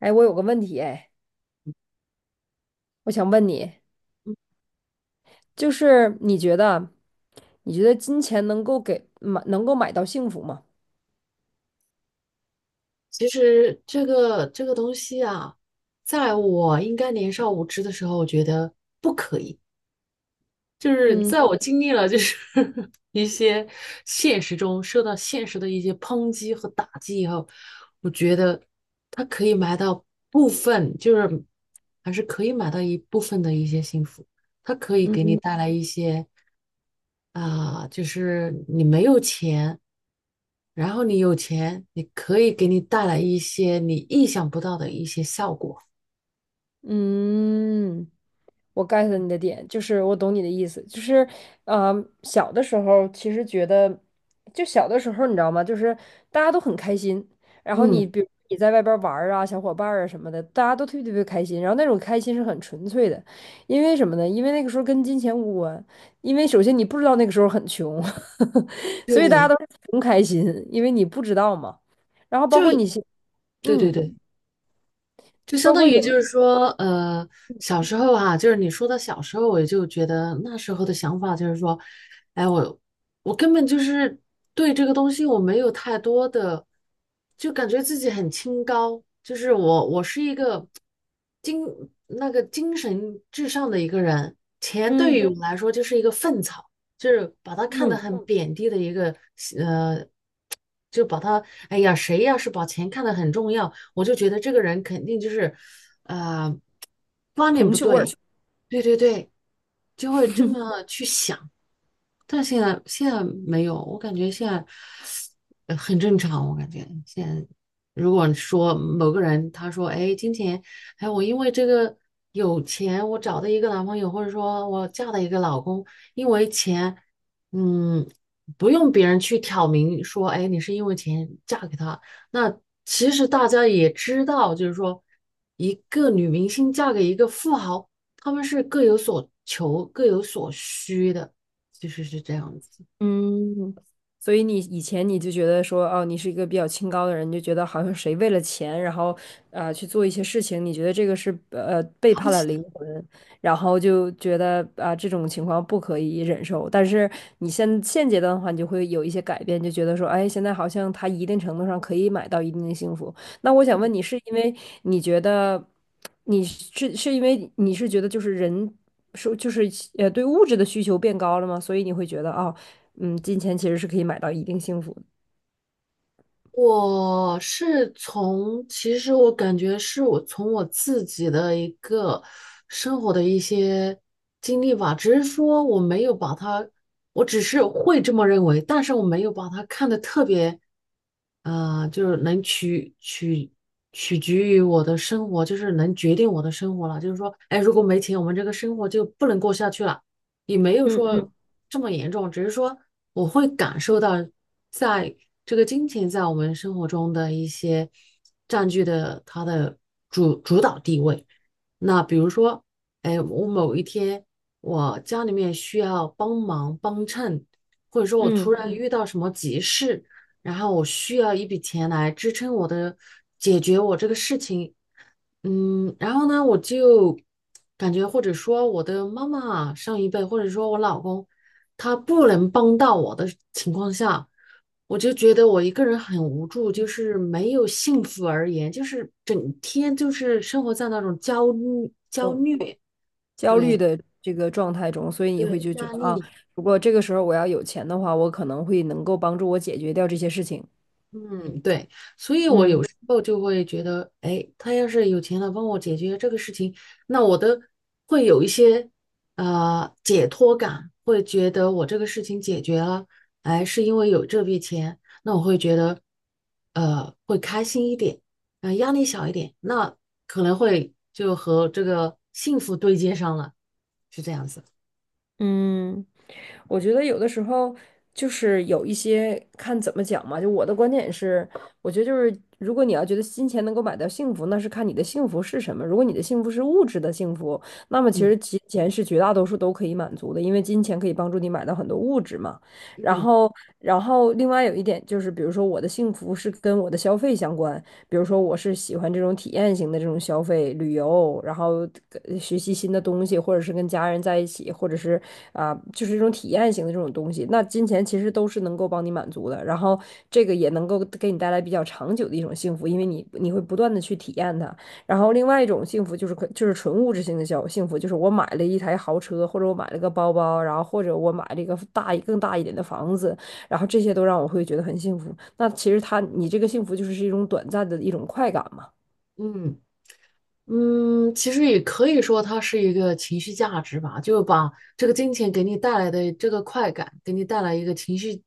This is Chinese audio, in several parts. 哎，我有个问题，哎，我想问你，就是你觉得，你觉得金钱能够给买，能够买到幸福吗？其实这个东西啊，在我应该年少无知的时候，我觉得不可以。就是嗯在我经历了一些现实中受到现实的一些抨击和打击以后，我觉得它可以买到部分，就是还是可以买到一部分的一些幸福，它可以给你嗯带来一些。啊、就是你没有钱，然后你有钱，你可以给你带来一些你意想不到的一些效果。嗯，我 get 你的点，就是我懂你的意思，就是，呃，小的时候其实觉得，就小的时候你知道吗？就是大家都很开心，然后你嗯，比如你在外边玩儿啊，小伙伴儿啊什么的，大家都特别特别开心，然后那种开心是很纯粹的，因为什么呢？因为那个时候跟金钱无关，因为首先你不知道那个时候很穷，所以大家对，都是穷开心，因为你不知道嘛。然后包括你就现，对对嗯，对，就就相包当括于就有，是说，小时候哈，就是你说的小时候，我就觉得那时候的想法就是说，哎，我根本就是对这个东西我没有太多的，就感觉自己很清高，就是我是一个精那个精神至上的一个人，钱对嗯于我来说就是一个粪草，就是把它看得嗯，很贬低的一个呃就把他，哎呀，谁要是把钱看得很重要，我就觉得这个人肯定就是，呃，铜臭味儿。对对对，就会这么去想。但现在没有，我感觉现在很正常。我感觉现在，如果说某个人他说，哎，金钱，哎，我因为这个有钱，我找到一个男朋友，或者说我嫁了一个老公，因为钱，嗯，不用别人去挑明说，哎，你是因为钱嫁给他。那其实大家也知道，就是说，一个女明星嫁给一个富豪，他们是各有所求、各有所需的。其实是这样子。嗯，所以你以前你就觉得说，哦，你是一个比较清高的人，你就觉得好像谁为了钱，然后去做一些事情，你觉得这个是背了不叛起了的，灵魂，然后就觉得啊、这种情况不可以忍受。但是你现现阶段的话，你就会有一些改变，就觉得说，哎，现在好像他一定程度上可以买到一定的幸福。那我想问你，是因为你觉得你是是因为你是觉得就是人说就是对物质的需求变高了吗？所以你会觉得哦。嗯，金钱其实是可以买到一定幸福的。我是从，其实我感觉是我从我自己的一个生活的一些经历吧，只是说我没有把它，我只是会这么认为，但是我没有把它看得特别，就是能取决于我的生活，就是能决定我的生活了。就是说，哎，如果没钱，我们这个生活就不能过下去了。也没有嗯说嗯这么严重，只是说我会感受到，在这个金钱在我们生活中的一些占据的它的主导地位。那比如说，哎，我某一天我家里面需要帮忙帮衬，或者说我突嗯然遇到什么急事，然后我需要一笔钱来支撑我的解决我这个事情。嗯，然后呢，我就感觉或者说我的妈妈上一辈，或者说我老公，他不能帮到我的情况下，我就觉得我一个人很无助，就是没有幸福而言，就是整天就是生活在那种焦虑、焦虑，焦虑对的这个状态中，所以你会对，就觉压得啊，力。如果这个时候我要有钱的话，我可能会能够帮助我解决掉这些事情。嗯，对，所以我有嗯时候就会觉得，哎，他要是有钱了，帮我解决这个事情，那我的会有一些解脱感，会觉得我这个事情解决了，哎，是因为有这笔钱，那我会觉得会开心一点，压力小一点，那可能会就和这个幸福对接上了，是这样子。嗯，我觉得有的时候就是有一些看怎么讲嘛，就我的观点是，我觉得就是如果你要觉得金钱能够买到幸福，那是看你的幸福是什么。如果你的幸福是物质的幸福，那么其嗯实金钱是绝大多数都可以满足的，因为金钱可以帮助你买到很多物质嘛。然嗯后，然后另外有一点就是，比如说我的幸福是跟我的消费相关，比如说我是喜欢这种体验型的这种消费旅游，然后学习新的东西，或者是跟家人在一起，或者是啊、就是这种体验型的这种东西，那金钱其实都是能够帮你满足的，然后这个也能够给你带来比较长久的一种幸福，因为你会不断的去体验它。然后另外一种幸福就是可就是纯物质性的消幸福，就是我买了一台豪车，或者我买了个包包，然后或者我买了一个大一更大一点的房子，然后这些都让我会觉得很幸福。那其实他，你这个幸福就是是一种短暂的一种快感嘛，嗯。嗯，其实也可以说它是一个情绪价值吧，就把这个金钱给你带来的这个快感，给你带来一个情绪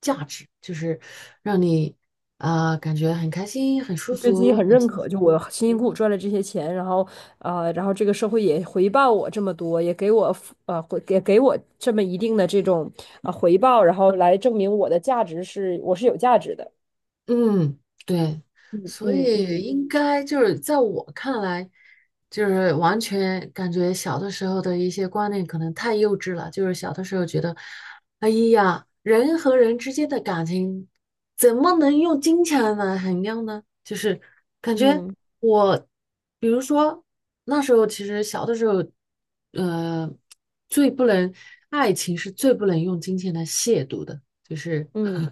价值，就是让你啊、感觉很开心、很舒你对自己服、很很认幸可，就我福辛辛苦苦赚了这些钱，然后然后这个社会也回报我这么多，也给我付回也给我这么一定的这种啊、回报，然后来证明我的价值是我是有价值的。嗯，对，嗯所嗯以嗯应该就是在我看来，就是完全感觉小的时候的一些观念可能太幼稚了。就是小的时候觉得，哎呀，人和人之间的感情怎么能用金钱来衡量呢？就是感觉嗯我，比如说那时候其实小的时候，呃，最不能，爱情是最不能用金钱来亵渎的，就是。嗯，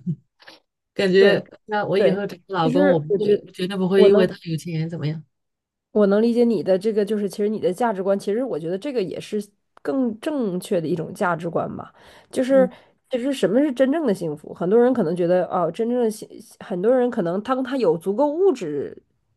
感对觉那我以对，后找个老其公，我实不我觉会，得绝对不会我因为能。他有钱怎么样。我能理解你的这个，就是其实你的价值观，其实我觉得这个也是更正确的一种价值观吧。就是嗯其实什么是真正的幸福？很多人可能觉得哦，真正的幸，很多人可能当他有足够物质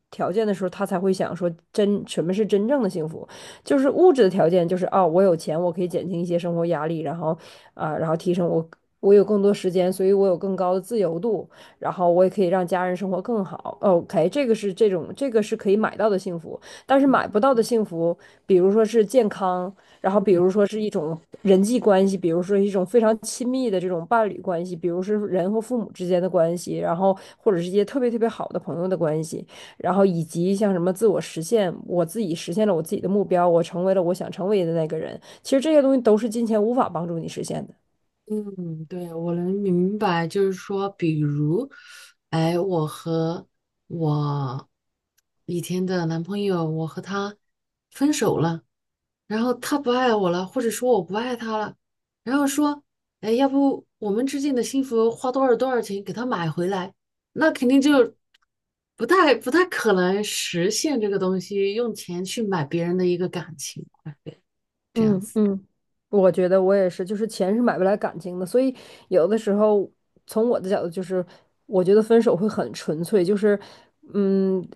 条件的时候，他才会想说真什么是真正的幸福？就是物质的条件，就是哦，我有钱，我可以减轻一些生活压力，然后啊、然后提升我，我有更多时间，所以我有更高的自由度。然后我也可以让家人生活更好。哦 OK，这个是这种这个是可以买到的幸福，但是买不到的幸福，比如说是健康，然后比如说是一种人际关系，比如说一种非常亲密的这种伴侣关系，比如是人和父母之间的关系，然后或者是一些特别特别好的朋友的关系，然后以及像什么自我实现，我自己实现了我自己的目标，我成为了我想成为的那个人。其实这些东西都是金钱无法帮助你实现的。嗯，对，我能明白，就是说，比如，哎，我和我以前的男朋友，我和他分手了，然后他不爱我了，或者说我不爱他了，然后说，哎，要不我们之间的幸福花多少多少钱给他买回来？那肯定就不太可能实现这个东西，用钱去买别人的一个感情，这样嗯，子。嗯，我觉得我也是，就是钱是买不来感情的，所以有的时候从我的角度就是，我觉得分手会很纯粹，就是嗯，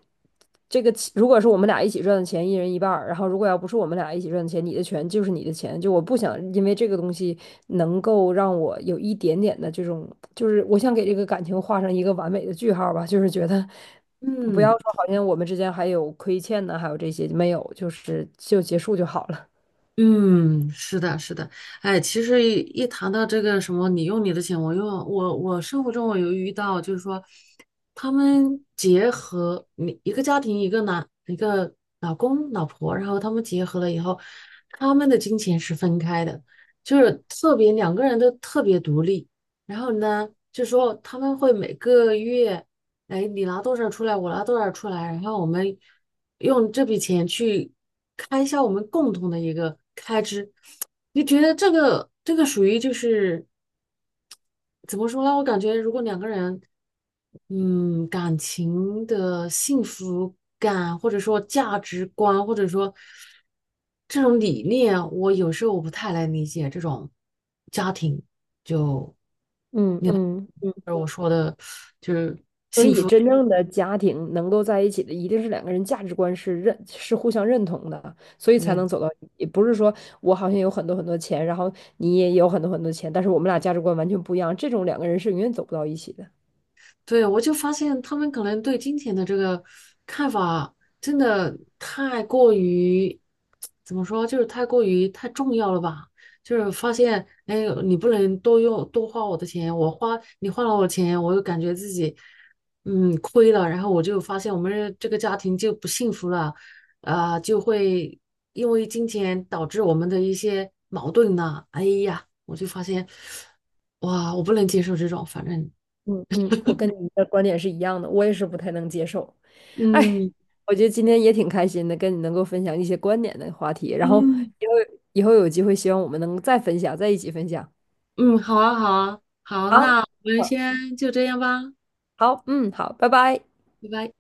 这个钱如果是我们俩一起赚的钱，一人一半儿，然后如果要不是我们俩一起赚的钱，你的钱就是你的钱，就我不想因为这个东西能够让我有一点点的这种，就是我想给这个感情画上一个完美的句号儿吧，就是觉得。不要嗯，说好像我们之间还有亏欠呢，还有这些没有，就是就结束就好了。嗯，是的，是的，哎，其实谈到这个什么，你用你的钱，我用我，我生活中我有遇到，就是说，他们结合你一个家庭，一个男，一个老公老婆，然后他们结合了以后，他们的金钱是分开的，就是特别两个人都特别独立，然后呢，就说他们会每个月，哎，你拿多少出来，我拿多少出来，然后我们用这笔钱去。开销，我们共同的一个开支，你觉得这个属于就是怎么说呢？我感觉如果两个人，嗯，感情的幸福感，或者说价值观，或者说这种理念，我有时候我不太能理解这种家庭，就嗯嗯，就是我说的，就是。所以，真正的家庭能够在一起的，一定是两个人价值观是认是互相认同的，所以才能走到一起。也不是说我好像有很多很多钱，然后你也有很多很多钱，但是我们俩价值观完全不一样，这种两个人是永远走不到一起的。对，我就发现他们可能对金钱的这个看法真的太过于，怎么说，就是太过于太重要了吧？就是发现，哎，你不能多用多花我的钱，我花你花了我的钱，我又感觉自己亏了，然后我就发现我们这个家庭就不幸福了，啊、就会因为金钱导致我们的一些矛盾呐、哎呀，我就发现，哇，我不能接受这种，反正。嗯嗯，我跟你的观点是一样的，我也是不太能接受。哎，嗯，我觉得今天也挺开心的，跟你能够分享一些观点的话题，然后嗯以后以后有机会，希望我们能再分享，在一起分享。嗯，好啊，好啊，好，好，那我们好，先就这样吧，好，嗯，好，拜拜。拜拜。